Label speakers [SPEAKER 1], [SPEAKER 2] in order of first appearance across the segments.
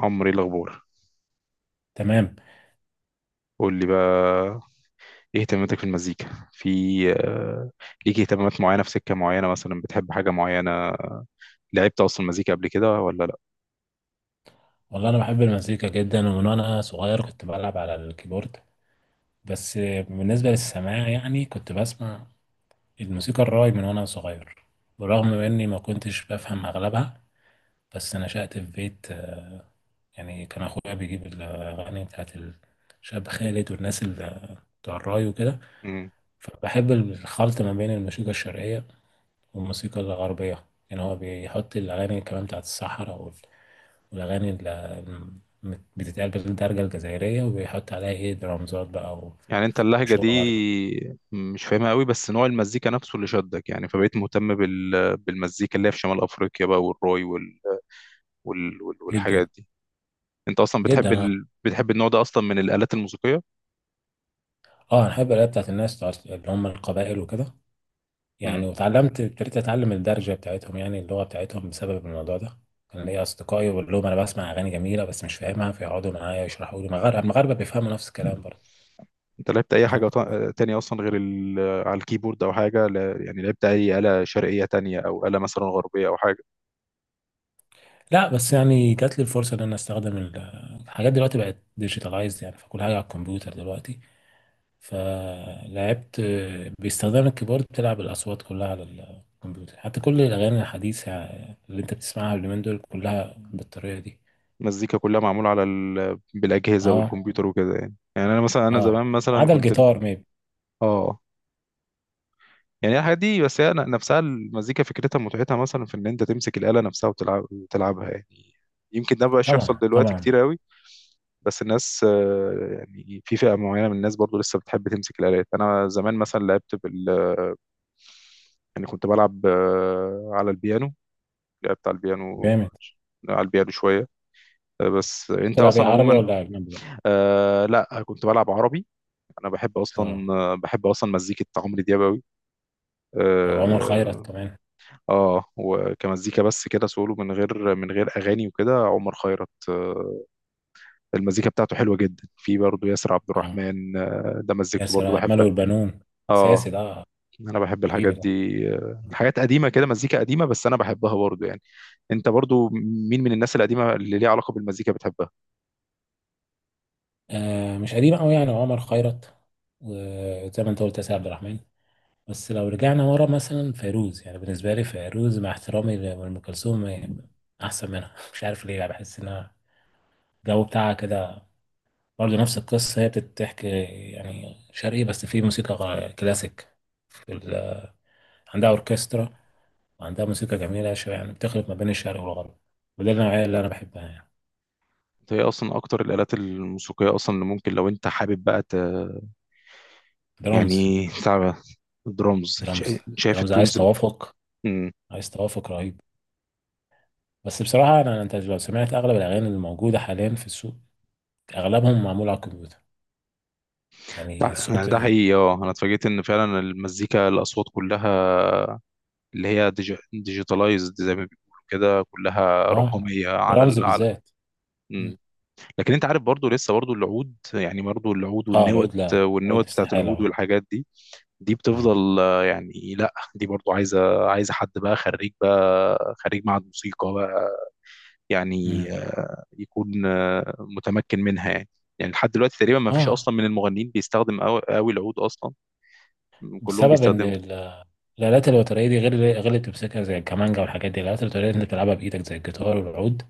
[SPEAKER 1] عمرو ايه الاخبار؟
[SPEAKER 2] تمام.
[SPEAKER 1] قول لي بقى، ايه اهتماماتك في المزيكا؟ في آه، ليك اهتمامات معينه في سكه معينه؟ مثلا بتحب حاجه معينه؟ لعبت اصلا مزيكا قبل كده ولا لا؟
[SPEAKER 2] والله انا بحب المزيكا جدا، ومن وانا صغير كنت بلعب على الكيبورد. بس بالنسبه للسماع يعني كنت بسمع الموسيقى الراي من وانا صغير، برغم اني ما كنتش بفهم اغلبها. بس نشأت في بيت، يعني كان اخويا بيجيب الاغاني بتاعت الشاب خالد والناس اللي بتوع الراي وكده.
[SPEAKER 1] مم.
[SPEAKER 2] فبحب الخلط ما بين الموسيقى الشرقيه والموسيقى الغربية. يعني هو بيحط الأغاني كمان بتاعت الصحراء والأغاني اللي بتتقال بالدرجة الجزائرية، وبيحط عليها إيه درامزات بقى
[SPEAKER 1] يعني انت اللهجه
[SPEAKER 2] وشغل
[SPEAKER 1] دي
[SPEAKER 2] غربي.
[SPEAKER 1] مش فاهمها قوي، بس نوع المزيكا نفسه اللي شدك، يعني فبقيت مهتم بالمزيكا اللي هي في شمال افريقيا بقى، والروي
[SPEAKER 2] جدا
[SPEAKER 1] والحاجات دي. انت اصلا
[SPEAKER 2] جدا.
[SPEAKER 1] بتحب
[SPEAKER 2] أنا
[SPEAKER 1] بتحب النوع ده اصلا من الالات الموسيقيه؟
[SPEAKER 2] آه أنا بحب الأغاني بتاعت الناس بتاعت اللي هم القبائل وكده.
[SPEAKER 1] مم.
[SPEAKER 2] يعني واتعلمت ابتديت أتعلم الدرجة بتاعتهم، يعني اللغة بتاعتهم بسبب الموضوع ده. كان ليا أصدقائي بقول لهم أنا بسمع أغاني جميلة بس مش فاهمها، فيقعدوا معايا يشرحوا لي. المغاربة المغاربة بيفهموا نفس الكلام برضه.
[SPEAKER 1] انت لعبت اي
[SPEAKER 2] تمام.
[SPEAKER 1] حاجه تانية اصلا غير على الكيبورد او حاجه؟ لا... يعني لعبت اي آلة شرقيه تانية، او آلة مثلا غربيه او حاجه؟
[SPEAKER 2] لا بس يعني جات لي الفرصه ان انا استخدم الحاجات دلوقتي بقت ديجيتالايزد، يعني فكل حاجه على الكمبيوتر دلوقتي. فلعبت باستخدام الكيبورد، بتلعب الاصوات كلها على الكمبيوتر. حتى كل الاغاني الحديثه اللي انت بتسمعها اليومين دول كلها بالطريقه دي.
[SPEAKER 1] المزيكا كلها معموله على بالاجهزه
[SPEAKER 2] اه.
[SPEAKER 1] والكمبيوتر وكده؟ يعني يعني انا مثلا، انا زمان
[SPEAKER 2] اه ما
[SPEAKER 1] مثلا
[SPEAKER 2] عدا
[SPEAKER 1] كنت
[SPEAKER 2] الجيتار ميب.
[SPEAKER 1] اه. يعني الحاجات دي بس هي نفسها المزيكا، فكرتها متعتها مثلا في ان انت تمسك الآلة نفسها وتلعب وتلعبها يعني. يمكن ده مبقاش يحصل
[SPEAKER 2] طبعا
[SPEAKER 1] دلوقتي
[SPEAKER 2] طبعا.
[SPEAKER 1] كتير قوي، بس الناس يعني في فئة معينة من الناس برضو لسه بتحب تمسك الآلات. أنا زمان مثلا لعبت بال، يعني كنت بلعب على البيانو، لعبت على البيانو،
[SPEAKER 2] جامد.
[SPEAKER 1] على البيانو شوية. بس انت
[SPEAKER 2] بتلعب ايه،
[SPEAKER 1] اصلا
[SPEAKER 2] عربي
[SPEAKER 1] عموما،
[SPEAKER 2] ولا اجنبي بقى؟
[SPEAKER 1] آه لا كنت بلعب عربي. انا بحب
[SPEAKER 2] اه.
[SPEAKER 1] اصلا، بحب اصلا مزيكة عمرو دياب قوي.
[SPEAKER 2] او عمر خيرت
[SPEAKER 1] اه.
[SPEAKER 2] كمان.
[SPEAKER 1] وكمزيكا بس كده سولو، من غير اغاني وكده، عمر خيرت آه، المزيكا بتاعته حلوة جدا. في برضه ياسر عبد
[SPEAKER 2] اه.
[SPEAKER 1] الرحمن، آه ده مزيكته
[SPEAKER 2] ياسر
[SPEAKER 1] برضه
[SPEAKER 2] عبد المنعم
[SPEAKER 1] بحبها.
[SPEAKER 2] والبنون،
[SPEAKER 1] اه،
[SPEAKER 2] اساسي ده.
[SPEAKER 1] انا بحب الحاجات
[SPEAKER 2] حبيبي ده.
[SPEAKER 1] دي. حاجات قديمة كده، مزيكا قديمة، بس انا بحبها برضه يعني. انت برضه مين من الناس القديمة اللي ليها علاقة بالمزيكا بتحبها؟
[SPEAKER 2] مش قديم قوي، يعني عمر خيرت وزي ما انت قلت ياسر عبد الرحمن. بس لو رجعنا ورا مثلا فيروز، يعني بالنسبه لي فيروز مع احترامي لام كلثوم يعني احسن منها مش عارف ليه. يعني بحس انها الجو بتاعها كده. برضه نفس القصه، هي بتحكي يعني شرقي بس في موسيقى كلاسيك. في ال... عندها اوركسترا، وعندها موسيقى جميله شويه. يعني بتخلط ما بين الشرق والغرب، وده النوعيه اللي انا بحبها يعني.
[SPEAKER 1] هي اصلا اكتر الالات الموسيقيه اصلا اللي ممكن لو انت حابب بقى
[SPEAKER 2] درامز.
[SPEAKER 1] يعني تعب، درامز،
[SPEAKER 2] درامز.
[SPEAKER 1] شايف
[SPEAKER 2] درامز عايز
[SPEAKER 1] التونز.
[SPEAKER 2] توافق.
[SPEAKER 1] مم.
[SPEAKER 2] عايز توافق رهيب. بس بصراحة أنا، أنت لو سمعت أغلب الأغاني اللي موجودة حاليا في السوق، أغلبهم معمول على الكمبيوتر. يعني
[SPEAKER 1] ده،
[SPEAKER 2] الصوت
[SPEAKER 1] ده حقيقي اه، انا اتفاجئت ان فعلا المزيكا الاصوات كلها اللي هي ديجيتالايزد زي ما بيقولوا كده، كلها
[SPEAKER 2] آه
[SPEAKER 1] رقميه على
[SPEAKER 2] درامز
[SPEAKER 1] على.
[SPEAKER 2] بالذات. مم.
[SPEAKER 1] مم. لكن انت عارف برضو لسه برضو العود، يعني برضو العود،
[SPEAKER 2] آه
[SPEAKER 1] والنوت
[SPEAKER 2] العود، لا العود
[SPEAKER 1] بتاعت
[SPEAKER 2] استحالة.
[SPEAKER 1] العود
[SPEAKER 2] آه.
[SPEAKER 1] والحاجات دي، دي
[SPEAKER 2] آه.
[SPEAKER 1] بتفضل. يعني لا دي برضو عايزه، حد بقى خريج، معهد موسيقى بقى. يعني
[SPEAKER 2] مم.
[SPEAKER 1] يكون متمكن منها يعني. يعني لحد دلوقتي تقريبا ما فيش
[SPEAKER 2] آه
[SPEAKER 1] اصلا من المغنيين بيستخدم قوي العود اصلا، كلهم
[SPEAKER 2] بسبب إن
[SPEAKER 1] بيستخدموا.
[SPEAKER 2] الآلات الوترية دي، غير غير اللي بتمسكها زي الكمانجا والحاجات دي. الآلات الوترية اللي بتلعبها بإيدك زي الجيتار والعود،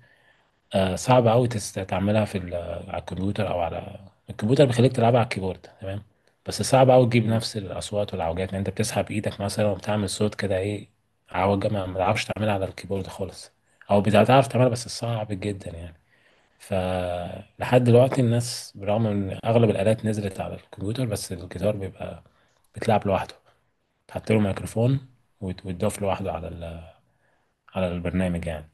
[SPEAKER 2] صعب قوي تعملها في على الكمبيوتر. او على الكمبيوتر بيخليك تلعبها على الكيبورد تمام، بس صعب قوي تجيب
[SPEAKER 1] مم.
[SPEAKER 2] نفس الاصوات والعوجات. لان انت بتسحب ايدك مثلا وبتعمل صوت كده، ايه عوجه ما بتعرفش تعملها على الكيبورد خالص، او بتعرف تعملها بس صعب جدا يعني. ف لحد دلوقتي الناس برغم ان اغلب الالات نزلت على الكمبيوتر، بس الجيتار بيبقى بتلعب لوحده. تحط له ميكروفون ويتضاف لوحده على ال... على البرنامج يعني.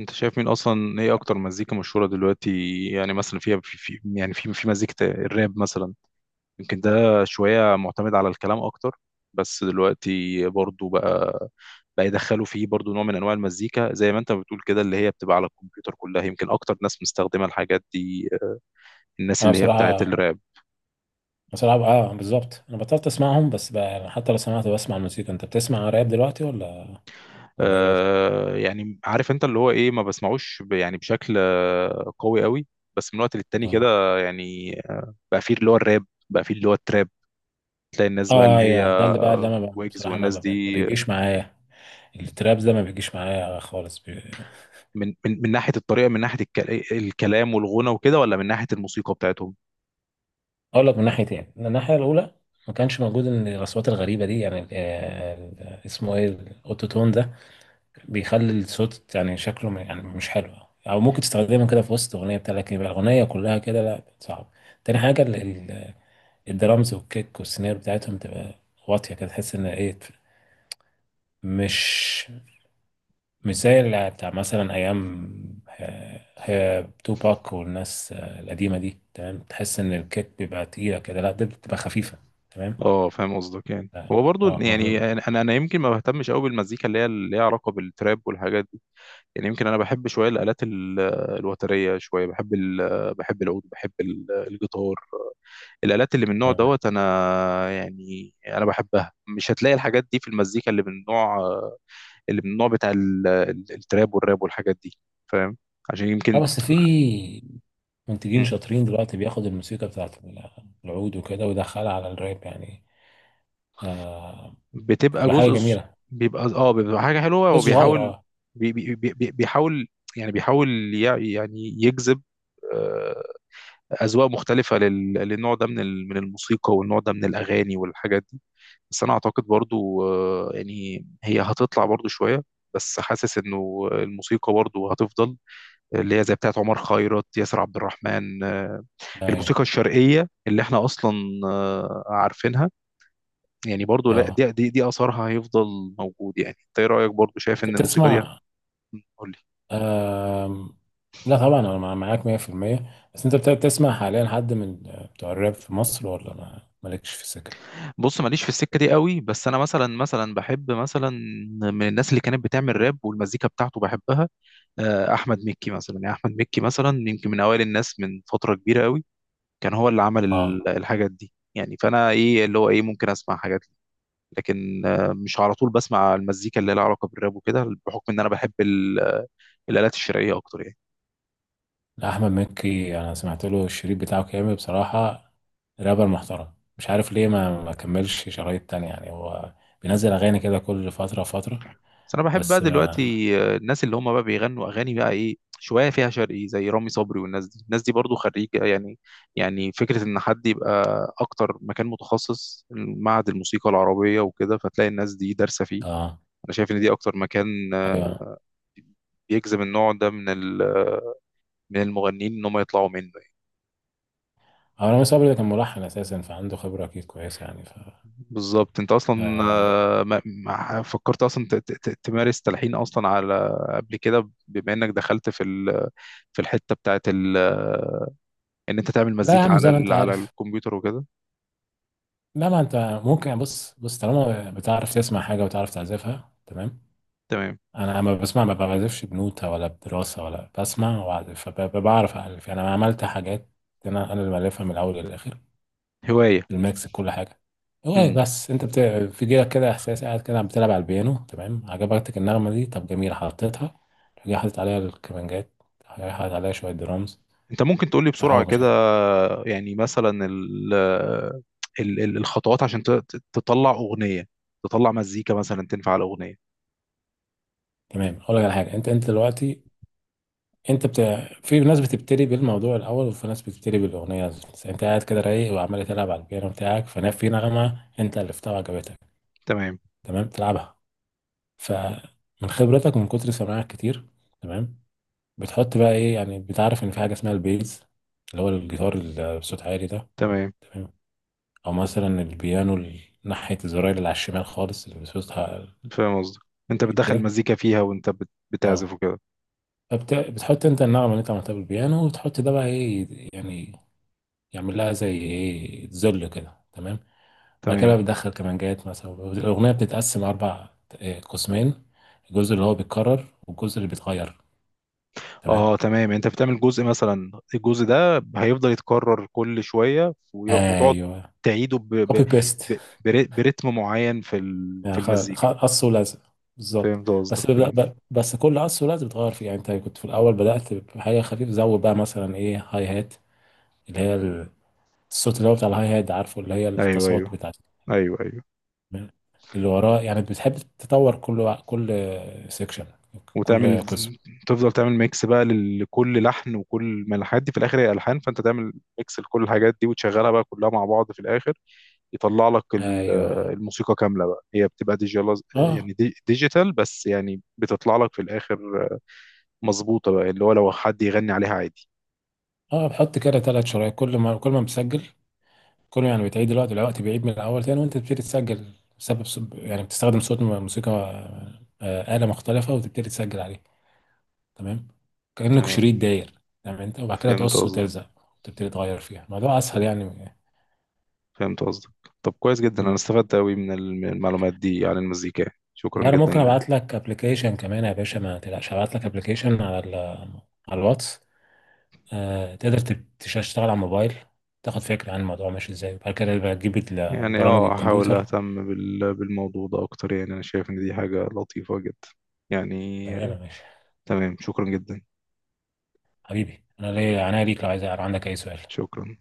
[SPEAKER 1] انت شايف مين اصلا، ايه اكتر مزيكا مشهوره دلوقتي، يعني مثلا فيها في يعني في مزيكه الراب مثلا؟ يمكن ده شويه معتمد على الكلام اكتر، بس دلوقتي برضو بقى، بقى يدخلوا فيه برضو نوع من انواع المزيكا زي ما انت بتقول كده، اللي هي بتبقى على الكمبيوتر كلها. يمكن اكتر ناس مستخدمه الحاجات دي الناس
[SPEAKER 2] انا
[SPEAKER 1] اللي هي بتاعت
[SPEAKER 2] بصراحه،
[SPEAKER 1] الراب.
[SPEAKER 2] بصراحة اه بالظبط انا بطلت اسمعهم بس بقى يعني. حتى لو سمعت بسمع الموسيقى، انت بتسمع راب دلوقتي ولا ولا ايه الوضع؟
[SPEAKER 1] يعني عارف انت اللي هو ايه، ما بسمعوش يعني بشكل قوي، بس من وقت للتاني
[SPEAKER 2] اه.
[SPEAKER 1] كده يعني. بقى فيه اللي هو الراب، بقى فيه اللي هو التراب، تلاقي الناس بقى
[SPEAKER 2] اه
[SPEAKER 1] اللي هي
[SPEAKER 2] ايوه ده اللي بقى اللي انا
[SPEAKER 1] ويجز
[SPEAKER 2] بصراحة
[SPEAKER 1] والناس
[SPEAKER 2] ما
[SPEAKER 1] دي.
[SPEAKER 2] بيجيش معايا. الترابز ده ما بيجيش معايا خالص بي...
[SPEAKER 1] من من ناحية الطريقة، من ناحية الكلام والغنى وكده، ولا من ناحية الموسيقى بتاعتهم؟
[SPEAKER 2] اقول لك من ناحيتين. من الناحية الاولى، ما كانش موجود ان الاصوات الغريبة دي، يعني اسمه ايه الاوتوتون ده بيخلي الصوت يعني شكله يعني مش حلو. او ممكن تستخدمه كده في وسط اغنية بتاع، لكن يبقى الاغنية كلها كده لا صعب. تاني حاجة، الدرامز والكيك والسيناريو بتاعتهم تبقى واطية كده، تحس ان ايه، مش مش زي اللي بتاع مثلا ايام هي توباك والناس القديمة دي. تمام تحس ان الكيك بيبقى تقيلة كده، لا ده بتبقى خفيفة. تمام.
[SPEAKER 1] اه فاهم قصدك. يعني هو
[SPEAKER 2] اه
[SPEAKER 1] برضو، يعني
[SPEAKER 2] مفهوم.
[SPEAKER 1] انا يمكن ما بهتمش قوي بالمزيكا اللي هي اللي ليها علاقة بالتراب والحاجات دي. يعني يمكن انا بحب شوية الآلات الوترية، شوية بحب بحب العود، بحب الجيتار، الآلات اللي من النوع
[SPEAKER 2] اه.
[SPEAKER 1] دوت أنا، يعني أنا بحبها. مش هتلاقي الحاجات دي في المزيكا اللي من النوع، بتاع التراب والراب والحاجات دي، فاهم؟ عشان
[SPEAKER 2] اه
[SPEAKER 1] يمكن،
[SPEAKER 2] بس في منتجين
[SPEAKER 1] مم.
[SPEAKER 2] شاطرين دلوقتي بياخد الموسيقى بتاعت العود وكده ويدخلها على الراب يعني. آه.
[SPEAKER 1] بتبقى
[SPEAKER 2] بتبقى حاجة
[SPEAKER 1] جزء
[SPEAKER 2] جميلة.
[SPEAKER 1] بيبقى اه، بيبقى حاجة حلوة،
[SPEAKER 2] بس
[SPEAKER 1] هو
[SPEAKER 2] صغير
[SPEAKER 1] بيحاول،
[SPEAKER 2] اه.
[SPEAKER 1] بيحاول، يعني بيحاول يعني يجذب آه، أذواق مختلفة للنوع ده من من الموسيقى، والنوع ده من الأغاني والحاجات دي. بس انا اعتقد برضو يعني هي هتطلع برضو شويه، بس حاسس انه الموسيقى برضو هتفضل، اللي هي زي بتاعت عمر خيرت، ياسر عبد الرحمن.
[SPEAKER 2] ايوه.
[SPEAKER 1] الموسيقى الشرقيه اللي احنا اصلا عارفينها، يعني برضو لا
[SPEAKER 2] اه.
[SPEAKER 1] دي اثرها هيفضل موجود يعني. انت ايه رايك؟ برضو شايف
[SPEAKER 2] انت
[SPEAKER 1] ان الموسيقى دي
[SPEAKER 2] بتسمع
[SPEAKER 1] قول لي.
[SPEAKER 2] آم، لا طبعا انا معاك 100% بس انت بتسمع حاليا حد من بتوع الراب في مصر ولا ما مالكش في السكه؟
[SPEAKER 1] بص، ماليش في السكه دي قوي، بس انا مثلا، بحب مثلا من الناس اللي كانت بتعمل راب والمزيكا بتاعته بحبها احمد مكي مثلا. يعني احمد مكي مثلا يمكن من اوائل الناس من فتره كبيره قوي، كان هو اللي عمل
[SPEAKER 2] اه.
[SPEAKER 1] الحاجات دي، يعني. فانا ايه اللي هو ايه، ممكن اسمع حاجات ليه، لكن مش على طول بسمع المزيكا اللي لها علاقه بالراب وكده، بحكم ان انا بحب الالات الشرقيه اكتر يعني.
[SPEAKER 2] لا، احمد مكي انا سمعت له الشريط بتاعه كامل بصراحه. رابر محترم، مش عارف ليه ما كملش شرايط تانية يعني. هو بينزل اغاني كده كل فتره فتره.
[SPEAKER 1] بس انا بحب بقى
[SPEAKER 2] بس ما
[SPEAKER 1] دلوقتي الناس اللي هم بقى بيغنوا اغاني بقى ايه شويه فيها شرقي، زي رامي صبري والناس دي، الناس دي برضو خريجه يعني. يعني فكره ان حد يبقى اكتر مكان متخصص معهد الموسيقى العربيه وكده، فتلاقي الناس دي دارسه فيه.
[SPEAKER 2] اه
[SPEAKER 1] انا شايف ان دي اكتر مكان
[SPEAKER 2] ايوه.
[SPEAKER 1] بيجذب النوع ده من من المغنيين، ان هم يطلعوا منه.
[SPEAKER 2] هو رامي صبري ده كان ملحن اساسا، فعنده خبره اكيد كويسه يعني ف
[SPEAKER 1] بالظبط. انت اصلا
[SPEAKER 2] آه.
[SPEAKER 1] ما فكرت اصلا تمارس تلحين اصلا على قبل كده، بما انك دخلت في في الحته بتاعت ان انت تعمل
[SPEAKER 2] لا يا
[SPEAKER 1] مزيكا
[SPEAKER 2] عم
[SPEAKER 1] على
[SPEAKER 2] زي ما انت
[SPEAKER 1] على
[SPEAKER 2] عارف،
[SPEAKER 1] الكمبيوتر وكده؟
[SPEAKER 2] لا ما انت ممكن يعني. بص بص طالما بتعرف تسمع حاجه وتعرف تعزفها تمام.
[SPEAKER 1] تمام،
[SPEAKER 2] انا لما بسمع ما بعزفش بنوتة ولا بدراسه، ولا بسمع واعزف فبعرف الف. يعني انا عملت حاجات، انا انا اللي مالفها من الاول للاخر،
[SPEAKER 1] هوايه.
[SPEAKER 2] الميكس كل حاجه. هو
[SPEAKER 1] امم،
[SPEAKER 2] بس انت بت... في جيلك كده احساس، قاعد كده بتلعب على البيانو تمام، عجبتك النغمه دي، طب جميل حطيتها. جاي حاطط عليها الكمانجات، جاي حاطط عليها شويه درامز.
[SPEAKER 1] انت ممكن تقول لي بسرعه
[SPEAKER 2] او مش
[SPEAKER 1] كده، يعني مثلا ال، الخطوات عشان تطلع اغنيه، تطلع مزيكا مثلا تنفع على اغنيه؟
[SPEAKER 2] تمام. اقول لك على حاجه. انت انت دلوقتي انت بت... في ناس بتبتدي بالموضوع الاول، وفي ناس بتبتدي بالاغنيه. بس انت قاعد كده رايق وعمال تلعب على البيانو بتاعك، فانا في نغمه انت الفتها وعجبتك
[SPEAKER 1] تمام،
[SPEAKER 2] تمام تلعبها. فمن خبرتك ومن كتر سماعك كتير تمام، بتحط بقى ايه. يعني بتعرف ان في حاجه اسمها البيز، اللي هو الجيتار اللي بصوت عالي ده.
[SPEAKER 1] تمام،
[SPEAKER 2] تمام، او مثلا البيانو ناحيه الزراير اللي على الشمال خالص اللي بصوتها
[SPEAKER 1] فاهم قصدك. انت بتدخل
[SPEAKER 2] كده.
[SPEAKER 1] مزيكا فيها وانت
[SPEAKER 2] اه
[SPEAKER 1] بتعزف وكده؟
[SPEAKER 2] فبت... بتحط انت النغمه اللي انت عملتها بالبيانو، وتحط ده بقى ايه يعني، يعمل لها زي ايه ذل كده تمام. بعد
[SPEAKER 1] تمام.
[SPEAKER 2] كده بيدخل كمانجات مثلا. الاغنيه بتتقسم اربع قسمين، الجزء اللي هو بيتكرر والجزء اللي بيتغير. تمام.
[SPEAKER 1] اه تمام، انت بتعمل جزء مثلا، الجزء ده هيفضل يتكرر كل شويه، وتقعد
[SPEAKER 2] ايوه
[SPEAKER 1] تعيده
[SPEAKER 2] كوبي بيست،
[SPEAKER 1] ب... برتم معين في
[SPEAKER 2] يعني
[SPEAKER 1] في المزيكا.
[SPEAKER 2] قص ولزق بالظبط.
[SPEAKER 1] فهمت قصدك،
[SPEAKER 2] بس ب-
[SPEAKER 1] فهمت.
[SPEAKER 2] بس كل قص ولزق بتغير فيه. يعني انت كنت في الاول بدات بحاجه خفيفه، زود بقى مثلا ايه هاي هات، اللي هي الصوت اللي هو بتاع الهاي هات، عارفه اللي هي
[SPEAKER 1] ايوه ايوه،
[SPEAKER 2] التصوت بتاعت
[SPEAKER 1] ايوه ايوه.
[SPEAKER 2] اللي وراه. يعني بتحب تطور كل سيكشن،
[SPEAKER 1] وتعمل،
[SPEAKER 2] كل قسم.
[SPEAKER 1] تفضل تعمل ميكس بقى لكل لحن، وكل ما الحاجات دي في الاخر هي الحان، فانت تعمل ميكس لكل الحاجات دي وتشغلها بقى كلها مع بعض في الاخر، يطلع لك
[SPEAKER 2] ايوه.
[SPEAKER 1] الموسيقى كامله بقى. هي بتبقى ديجيتال
[SPEAKER 2] اه.
[SPEAKER 1] يعني ديجيتال، بس يعني بتطلع لك في الاخر مظبوطة بقى، اللي هو لو حد يغني عليها عادي.
[SPEAKER 2] اه بحط كده ثلاث شرايط، كل ما بسجل، كل ما يعني بتعيد الوقت، الوقت بيعيد من الاول تاني وانت بتبتدي تسجل. بسبب سب... يعني بتستخدم صوت موسيقى آلة مختلفة وتبتدي تسجل عليه. تمام، كأنك
[SPEAKER 1] تمام،
[SPEAKER 2] شريط داير. تمام، انت وبعد كده
[SPEAKER 1] فهمت
[SPEAKER 2] تقص
[SPEAKER 1] قصدك.
[SPEAKER 2] وتلزق، وتبتدي تغير فيها. الموضوع
[SPEAKER 1] ف-
[SPEAKER 2] اسهل يعني.
[SPEAKER 1] فهمت قصدك. طب كويس جدا، أنا
[SPEAKER 2] مم.
[SPEAKER 1] استفدت أوي من المعلومات دي عن المزيكا،
[SPEAKER 2] لا
[SPEAKER 1] شكرا
[SPEAKER 2] انا
[SPEAKER 1] جدا
[SPEAKER 2] ممكن
[SPEAKER 1] يعني.
[SPEAKER 2] ابعت لك ابلكيشن كمان يا باشا، ما تقلقش. هبعت لك ابلكيشن على ال... على الواتس. تقدر تشتغل على الموبايل، تاخد فكرة عن الموضوع ماشي ازاي. وبعد كده بقى تجيب
[SPEAKER 1] يعني
[SPEAKER 2] البرامج
[SPEAKER 1] اه، هحاول
[SPEAKER 2] الكمبيوتر.
[SPEAKER 1] أهتم بالموضوع ده أكتر، يعني أنا شايف إن دي حاجة لطيفة جدا يعني.
[SPEAKER 2] تمام يا باشا.
[SPEAKER 1] تمام، شكرا جدا.
[SPEAKER 2] حبيبي انا ليا عناية ليك، لو عايز لو عندك اي سؤال.
[SPEAKER 1] شكرا.